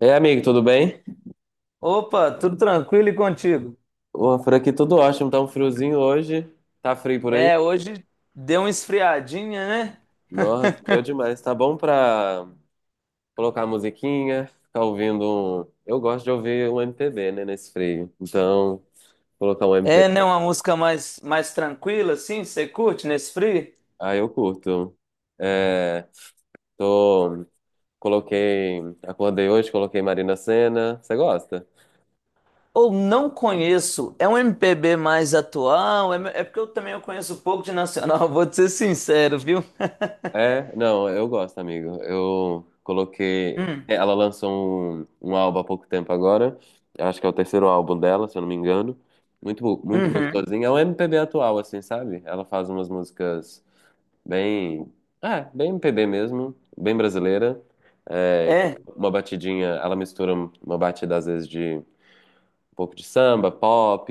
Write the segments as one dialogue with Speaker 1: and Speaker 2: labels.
Speaker 1: É, amigo, tudo bem?
Speaker 2: Opa, tudo tranquilo e contigo?
Speaker 1: Ô, por aqui tudo ótimo, tá um friozinho hoje. Tá frio por aí?
Speaker 2: É, hoje deu uma esfriadinha, né?
Speaker 1: Nossa, deu demais. Tá bom pra colocar a musiquinha, ficar ouvindo um... eu gosto de ouvir um MPB, né, nesse frio. Então, colocar um
Speaker 2: É, né,
Speaker 1: MPB.
Speaker 2: uma música mais tranquila, assim, você curte nesse frio?
Speaker 1: Ah, eu curto. É, tô... Coloquei... Acordei hoje, coloquei Marina Sena. Você gosta?
Speaker 2: Ou não conheço, é um MPB mais atual, é porque eu também eu conheço pouco de nacional, vou te ser sincero, viu?
Speaker 1: É, não, eu gosto, amigo. Eu coloquei.
Speaker 2: Hum,
Speaker 1: Ela lançou um álbum há pouco tempo agora. Eu acho que é o terceiro álbum dela, se eu não me engano. Muito
Speaker 2: uhum.
Speaker 1: gostosinho. É um MPB atual, assim, sabe? Ela faz umas músicas bem. É, bem MPB mesmo, bem brasileira. É, com
Speaker 2: É,
Speaker 1: uma batidinha. Ela mistura uma batida, às vezes, de um pouco de samba, pop,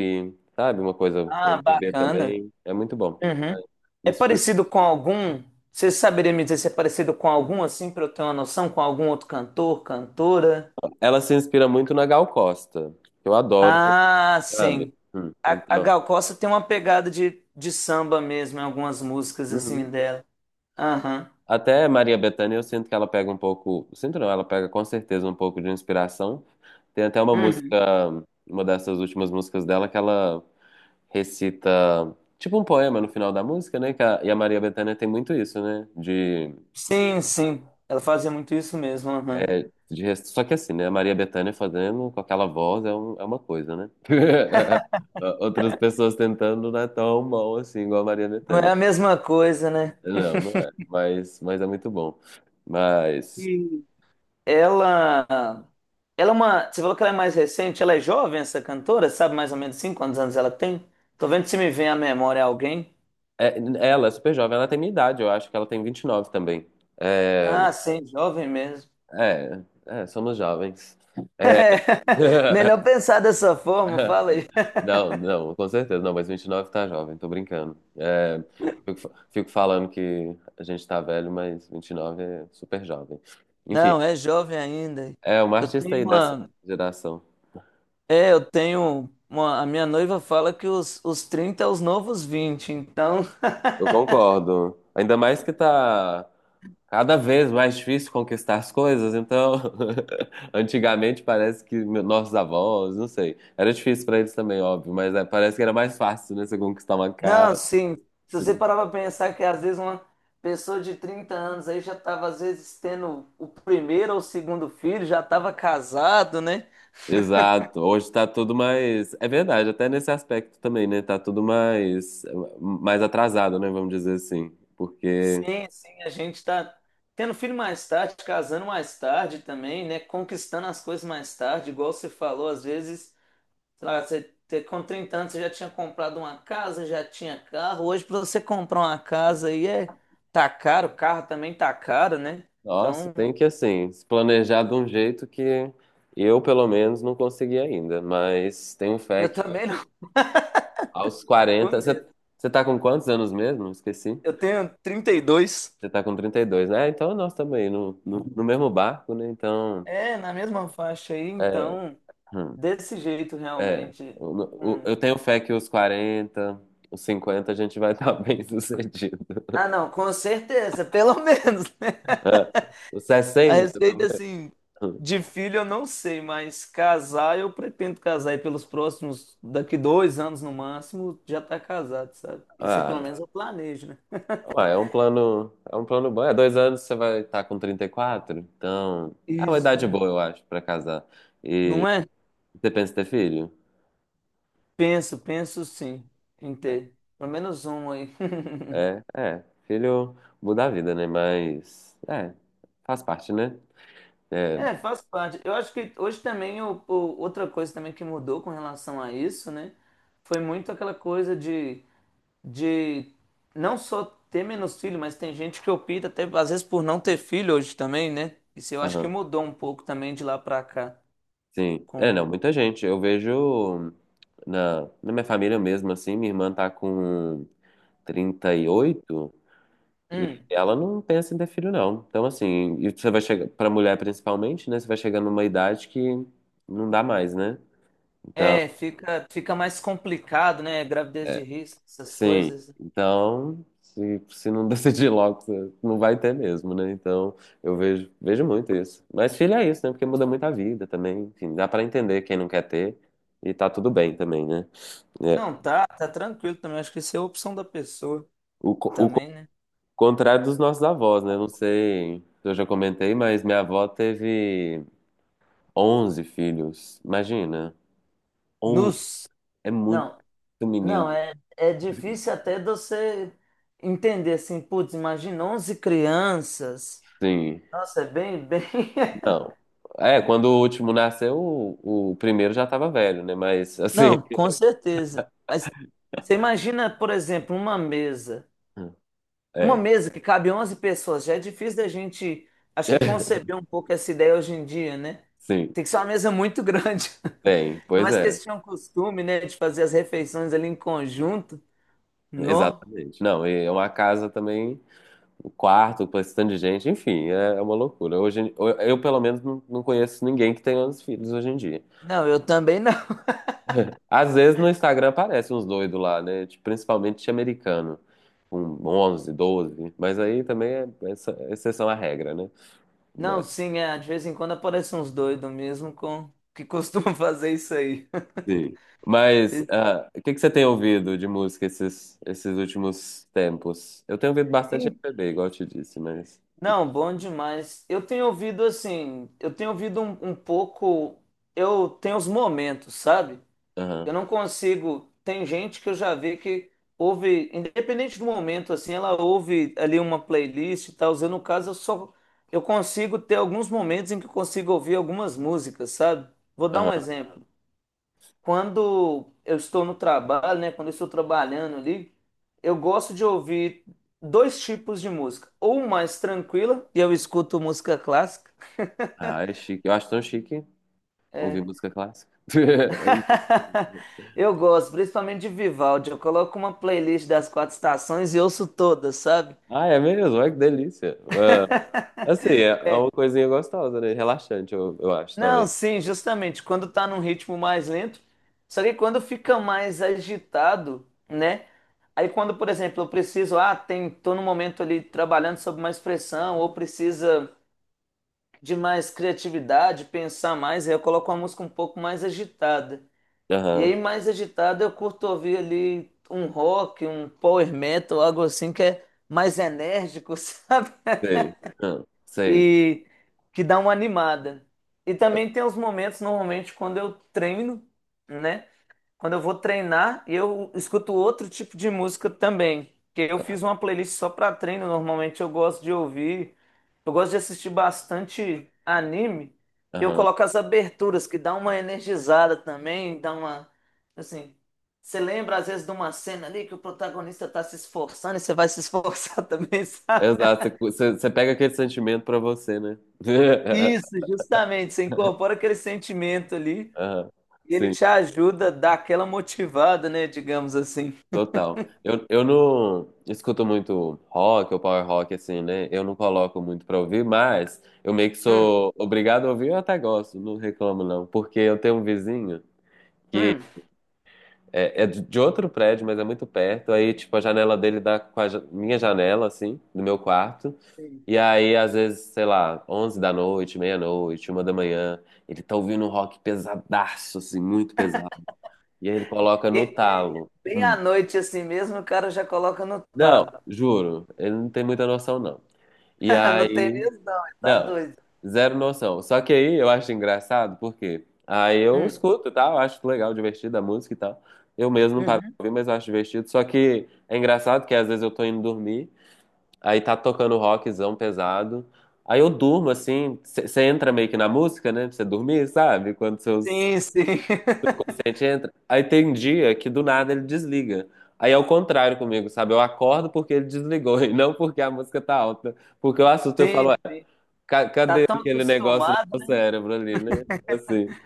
Speaker 1: sabe? Uma coisa
Speaker 2: ah,
Speaker 1: MPB
Speaker 2: bacana.
Speaker 1: também. É muito bom.
Speaker 2: Uhum. É
Speaker 1: Nesse
Speaker 2: parecido com algum, Você saberia me dizer se é parecido com algum, assim, pra eu ter uma noção, com algum outro cantor, cantora?
Speaker 1: Ela se inspira muito na Gal Costa, que eu adoro,
Speaker 2: Ah, sim.
Speaker 1: sabe?
Speaker 2: A
Speaker 1: Então,
Speaker 2: Gal Costa tem uma pegada de samba mesmo em algumas músicas assim
Speaker 1: uhum.
Speaker 2: dela. Aham.
Speaker 1: Até Maria Bethânia, eu sinto que ela pega um pouco, sinto não, ela pega com certeza um pouco de inspiração. Tem até uma música,
Speaker 2: Uhum.
Speaker 1: uma dessas últimas músicas dela que ela recita tipo um poema no final da música, né? E a Maria Bethânia tem muito isso, né? De,
Speaker 2: Sim, sim. Ela fazia muito isso mesmo. Aham.
Speaker 1: é, de rec- Só que assim, né? A Maria Bethânia fazendo com aquela voz é uma coisa, né? Outras pessoas tentando não é tão bom assim, igual a Maria
Speaker 2: Não é
Speaker 1: Bethânia.
Speaker 2: a mesma coisa, né?
Speaker 1: Não, não é. Mas é muito bom. Mas
Speaker 2: E ela, ela é uma. Você falou que ela é mais recente, ela é jovem, essa cantora? Sabe mais ou menos assim quantos anos ela tem? Tô vendo se me vem à memória alguém.
Speaker 1: Ela é super jovem, ela tem minha idade, eu acho que ela tem 29 também. É,
Speaker 2: Ah, sim, jovem mesmo.
Speaker 1: é, somos jovens. É.
Speaker 2: Melhor pensar dessa forma, fala aí.
Speaker 1: Não, não, com certeza. Não, mas 29 tá jovem, tô brincando. É, fico falando que a gente tá velho, mas 29 é super jovem. Enfim,
Speaker 2: Não, é jovem ainda.
Speaker 1: é uma
Speaker 2: Eu
Speaker 1: artista
Speaker 2: tenho
Speaker 1: aí dessa
Speaker 2: uma,
Speaker 1: geração.
Speaker 2: É, eu tenho. Uma, a minha noiva fala que os 30 é os novos 20. Então.
Speaker 1: Eu concordo. Ainda mais que tá cada vez mais difícil conquistar as coisas, então antigamente parece que nossos avós, não sei, era difícil para eles também, óbvio, mas é, parece que era mais fácil, né, você conquistar uma
Speaker 2: Não,
Speaker 1: casa,
Speaker 2: sim. Se
Speaker 1: você
Speaker 2: você
Speaker 1: conquistar-
Speaker 2: parar para pensar que às vezes uma pessoa de 30 anos aí já estava às vezes tendo o primeiro ou o segundo filho, já estava casado, né?
Speaker 1: exato. Hoje tá tudo mais, é verdade, até nesse aspecto também, né? Tá tudo mais atrasado, né, vamos dizer assim, porque
Speaker 2: Sim, sim, a gente está tendo filho mais tarde, casando mais tarde também, né? Conquistando as coisas mais tarde, igual você falou, às vezes sei lá, com 30 anos você já tinha comprado uma casa, já tinha carro. Hoje, para você comprar uma casa aí tá caro, o carro também tá caro, né?
Speaker 1: nossa,
Speaker 2: Então,
Speaker 1: tem que assim, se planejar de um jeito que eu, pelo menos, não consegui ainda. Mas tenho fé
Speaker 2: eu
Speaker 1: que
Speaker 2: também não
Speaker 1: aos
Speaker 2: tô
Speaker 1: 40.
Speaker 2: nesse.
Speaker 1: Você tá com quantos anos mesmo? Esqueci.
Speaker 2: Eu tenho 32.
Speaker 1: Você tá com 32, né? Então nós também no mesmo barco, né?
Speaker 2: É, na mesma faixa aí,
Speaker 1: É,
Speaker 2: então,
Speaker 1: hum,
Speaker 2: desse jeito
Speaker 1: É.
Speaker 2: realmente. Hum.
Speaker 1: Eu tenho fé que os 40, os 50 a gente vai estar bem sucedido.
Speaker 2: Ah, não, com certeza, pelo menos, né?
Speaker 1: É. Os
Speaker 2: A
Speaker 1: 60
Speaker 2: receita
Speaker 1: talvez.
Speaker 2: assim, de filho eu não sei, mas casar eu pretendo casar e pelos próximos, daqui 2 anos no máximo, já tá casado, sabe? Isso aí pelo
Speaker 1: Ah,
Speaker 2: menos eu planejo, né?
Speaker 1: ué, é um plano bom. É, 2 anos você vai estar com 34, então é uma
Speaker 2: Isso,
Speaker 1: idade
Speaker 2: é.
Speaker 1: boa, eu acho, pra casar. E
Speaker 2: Não é?
Speaker 1: você pensa em ter filho?
Speaker 2: Penso, penso sim em ter. Pelo menos um aí.
Speaker 1: Filho muda a vida, né? Mas é, faz parte, né? É,
Speaker 2: É, faz parte. Eu acho que hoje também, outra coisa também que mudou com relação a isso, né? Foi muito aquela coisa de não só ter menos filho, mas tem gente que opta até às vezes por não ter filho hoje também, né? Isso eu acho que
Speaker 1: aham,
Speaker 2: mudou um pouco também de lá pra cá.
Speaker 1: sim. É,
Speaker 2: Com...
Speaker 1: não, Muita gente. Eu vejo na minha família mesmo, assim, minha irmã tá com 38. E
Speaker 2: Hum,
Speaker 1: ela não pensa em ter filho, não. Então, assim, e você vai chegar, pra mulher principalmente, né? Você vai chegar numa idade que não dá mais, né?
Speaker 2: é, fica mais complicado, né? Gravidez de
Speaker 1: É,
Speaker 2: risco, essas
Speaker 1: sim.
Speaker 2: coisas.
Speaker 1: Então, se não decidir logo, você não vai ter mesmo, né? Então, eu vejo, vejo muito isso. Mas filho é isso, né? Porque muda muito a vida também. Enfim, dá pra entender quem não quer ter e tá tudo bem também, né? É.
Speaker 2: Não, tá, tá tranquilo também. Acho que isso é a opção da pessoa
Speaker 1: O, co- o co-
Speaker 2: também, né?
Speaker 1: Contrário dos nossos avós, né? Não sei se eu já comentei, mas minha avó teve 11 filhos. Imagina. On
Speaker 2: Nos.
Speaker 1: É muito
Speaker 2: Não, não,
Speaker 1: menino.
Speaker 2: é difícil até de você entender assim, putz, imagina 11 crianças.
Speaker 1: Sim.
Speaker 2: Nossa, é bem, bem.
Speaker 1: Não. É, quando o último nasceu, o primeiro já estava velho, né? Mas assim,
Speaker 2: Não, com certeza. Mas você imagina, por exemplo, uma mesa. Uma
Speaker 1: é,
Speaker 2: mesa que cabe 11 pessoas. Já é difícil da gente, acho que conceber um pouco essa ideia hoje em dia, né?
Speaker 1: sim,
Speaker 2: Tem que ser uma mesa muito grande. Ainda
Speaker 1: pois
Speaker 2: mais que
Speaker 1: é,
Speaker 2: eles tinham costume, né, de fazer as refeições ali em conjunto. No.
Speaker 1: exatamente. Não, e é uma casa também, o quarto, com esse tanto de gente, enfim, é uma loucura. Hoje, eu pelo menos, não conheço ninguém que tenha os filhos hoje em dia.
Speaker 2: Não, eu também não.
Speaker 1: Às vezes no Instagram aparecem uns doidos lá, né? Tipo, principalmente americano, com 11, 12 mas aí também é exceção à regra, né?
Speaker 2: Não, sim, é, de vez em quando aparecem uns doidos mesmo com que costumam fazer isso aí.
Speaker 1: Sim. Mas ah, o que que você tem ouvido de música esses últimos tempos? Eu tenho ouvido bastante MPB, igual eu te disse, mas.
Speaker 2: Não, bom demais. Eu tenho ouvido assim, eu tenho ouvido um pouco, eu tenho os momentos, sabe? Eu
Speaker 1: Aham,
Speaker 2: não consigo. Tem gente que eu já vi que ouve, independente do momento, assim, ela ouve ali uma playlist e tal. Eu, no caso, eu só eu consigo ter alguns momentos em que eu consigo ouvir algumas músicas, sabe? Vou dar um
Speaker 1: aham.
Speaker 2: exemplo quando eu estou no trabalho, né? Quando eu estou trabalhando ali, eu gosto de ouvir dois tipos de música. Ou mais tranquila, e eu escuto música clássica.
Speaker 1: Ah, é chique. Eu acho tão chique ouvir
Speaker 2: É.
Speaker 1: música clássica.
Speaker 2: Eu gosto, principalmente de Vivaldi. Eu coloco uma playlist das quatro estações e ouço todas, sabe?
Speaker 1: Ah, é mesmo? Olha que delícia. Ah, assim, é uma coisinha gostosa, né? Relaxante, eu acho,
Speaker 2: Não,
Speaker 1: talvez.
Speaker 2: sim, justamente quando tá num ritmo mais lento. Só que quando fica mais agitado, né? Aí quando, por exemplo, eu preciso, ah, tô num momento ali trabalhando sob mais pressão, ou precisa de mais criatividade, pensar mais, aí eu coloco uma música um pouco mais agitada. E
Speaker 1: Aham,
Speaker 2: aí, mais agitada, eu curto ouvir ali um rock, um power metal, algo assim que é mais enérgico, sabe?
Speaker 1: sei. Aham, sei.
Speaker 2: E que dá uma animada. E também tem os momentos, normalmente, quando eu treino, né? Quando eu vou treinar, eu escuto outro tipo de música também. Que eu fiz uma playlist só para treino. Normalmente eu gosto de ouvir. Eu gosto de assistir bastante anime. Eu
Speaker 1: Aham.
Speaker 2: coloco as aberturas, que dá uma energizada também, dá uma. Assim, você lembra às vezes de uma cena ali que o protagonista tá se esforçando e você vai se esforçar também, sabe?
Speaker 1: Exato, você pega aquele sentimento pra você, né?
Speaker 2: Isso, justamente. Você incorpora aquele sentimento ali
Speaker 1: Aham,
Speaker 2: e ele
Speaker 1: sim.
Speaker 2: te ajuda a dar aquela motivada, né? Digamos assim.
Speaker 1: Total. Eu não escuto muito rock ou power rock, assim, né? Eu não coloco muito pra ouvir, mas eu meio que
Speaker 2: Hum,
Speaker 1: sou obrigado a ouvir, eu até gosto, não reclamo não. Porque eu tenho um vizinho,
Speaker 2: hum.
Speaker 1: é de outro prédio, mas é muito perto. Aí, tipo, a janela dele dá com minha janela, assim, do meu quarto.
Speaker 2: Sim.
Speaker 1: E aí, às vezes, sei lá, 11 da noite, meia-noite, uma da manhã, ele tá ouvindo um rock pesadaço, assim, muito pesado. E aí ele coloca
Speaker 2: E,
Speaker 1: no
Speaker 2: e
Speaker 1: talo.
Speaker 2: bem à noite assim mesmo, o cara já coloca no
Speaker 1: Não,
Speaker 2: talo.
Speaker 1: juro, ele não tem muita noção, não. E
Speaker 2: Não tem
Speaker 1: aí,
Speaker 2: mesmo, não, ele tá
Speaker 1: não,
Speaker 2: doido.
Speaker 1: Zero noção. Só que aí eu acho engraçado, porque aí eu
Speaker 2: Hum,
Speaker 1: escuto, e tal, acho legal, divertido a música e tal. Eu mesmo não paro de
Speaker 2: uhum.
Speaker 1: ouvir, mas eu acho divertido. Só que é engraçado que às vezes eu tô indo dormir, aí tá tocando rockzão pesado. Aí eu durmo assim, você entra meio que na música, né? Pra você dormir, sabe? Quando seus
Speaker 2: Sim, sim.
Speaker 1: A gente entra. Aí tem um dia que do nada ele desliga. Aí é o contrário comigo, sabe? Eu acordo porque ele desligou e não porque a música tá alta. Porque eu assusto, eu falo,
Speaker 2: Sim,
Speaker 1: "Ué,
Speaker 2: sim. Tá
Speaker 1: cadê
Speaker 2: tão
Speaker 1: aquele negócio do
Speaker 2: acostumado,
Speaker 1: meu
Speaker 2: né,
Speaker 1: cérebro ali, né? Assim,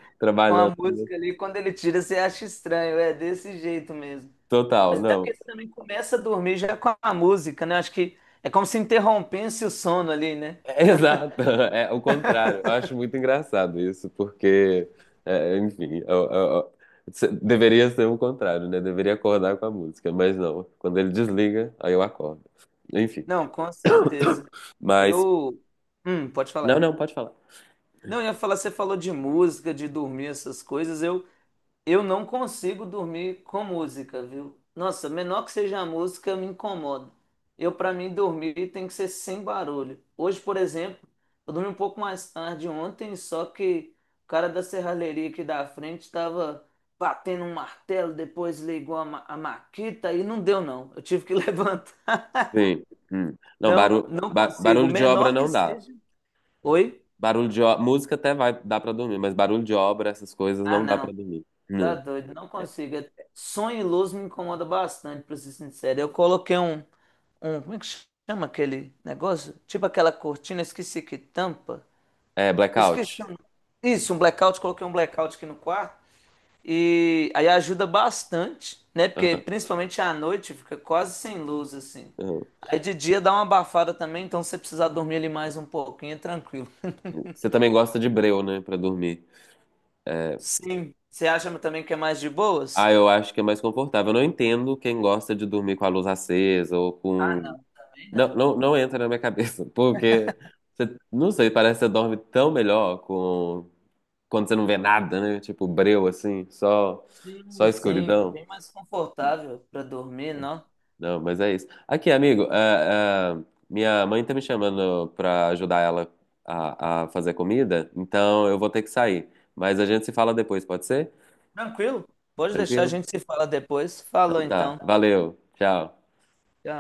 Speaker 2: com a
Speaker 1: trabalhando."
Speaker 2: música ali, quando ele tira, você acha estranho, é desse jeito mesmo.
Speaker 1: Total,
Speaker 2: Mas é
Speaker 1: não.
Speaker 2: porque você também começa a dormir já com a música, né? Acho que é como se interrompesse o sono ali, né?
Speaker 1: Exato, é o contrário. Eu acho muito engraçado isso, porque, é, enfim, deveria ser o contrário, né? Deveria acordar com a música, mas não. Quando ele desliga, aí eu acordo. Enfim,
Speaker 2: Não, com certeza.
Speaker 1: mas.
Speaker 2: Eu. Pode
Speaker 1: Não,
Speaker 2: falar.
Speaker 1: não, pode falar.
Speaker 2: Não, eu ia falar, você falou de música, de dormir, essas coisas. Eu não consigo dormir com música, viu? Nossa, menor que seja a música, me incomoda. Eu, pra mim, dormir tem que ser sem barulho. Hoje, por exemplo, eu dormi um pouco mais tarde ontem, só que o cara da serralheria aqui da frente estava batendo um martelo, depois ligou a maquita e não deu, não. Eu tive que levantar.
Speaker 1: Sim. Hum. Não,
Speaker 2: Não, não consigo.
Speaker 1: barulho de obra
Speaker 2: Menor que
Speaker 1: não dá.
Speaker 2: seja. Oi?
Speaker 1: Barulho de obra, música até vai, dá pra dormir, mas barulho de obra, essas coisas
Speaker 2: Ah,
Speaker 1: não dá pra
Speaker 2: não.
Speaker 1: dormir.
Speaker 2: Tá
Speaker 1: Hum.
Speaker 2: doido, não consigo. Sonho e luz me incomoda bastante, pra ser sincero. Eu coloquei um, como é que chama aquele negócio? Tipo aquela cortina, esqueci que tampa.
Speaker 1: É,
Speaker 2: Esqueci.
Speaker 1: blackout.
Speaker 2: O Isso, um blackout, coloquei um blackout aqui no quarto. E aí ajuda bastante, né? Porque
Speaker 1: Aham,
Speaker 2: principalmente à noite fica quase sem luz, assim.
Speaker 1: aham.
Speaker 2: Aí de dia dá uma abafada também, então se você precisar dormir ali mais um pouquinho, é tranquilo.
Speaker 1: Você também gosta de breu, né, pra dormir. É.
Speaker 2: Sim. Você acha também que é mais de
Speaker 1: Ah,
Speaker 2: boas?
Speaker 1: eu acho que é mais confortável. Eu não entendo quem gosta de dormir com a luz acesa ou
Speaker 2: Ah,
Speaker 1: com.
Speaker 2: não, também não.
Speaker 1: Não entra na minha cabeça, porque você, não sei, parece que você dorme tão melhor com quando você não vê nada, né? Tipo breu assim, só
Speaker 2: Sim, sim, é
Speaker 1: escuridão.
Speaker 2: bem mais confortável para dormir, não?
Speaker 1: Não, mas é isso. Aqui, amigo, minha mãe tá me chamando pra ajudar ela a fazer comida, então eu vou ter que sair. Mas a gente se fala depois, pode ser?
Speaker 2: Tranquilo? Pode deixar, a
Speaker 1: Tranquilo?
Speaker 2: gente se fala depois.
Speaker 1: Então
Speaker 2: Falou
Speaker 1: tá.
Speaker 2: então.
Speaker 1: Valeu. Tchau.
Speaker 2: Tchau.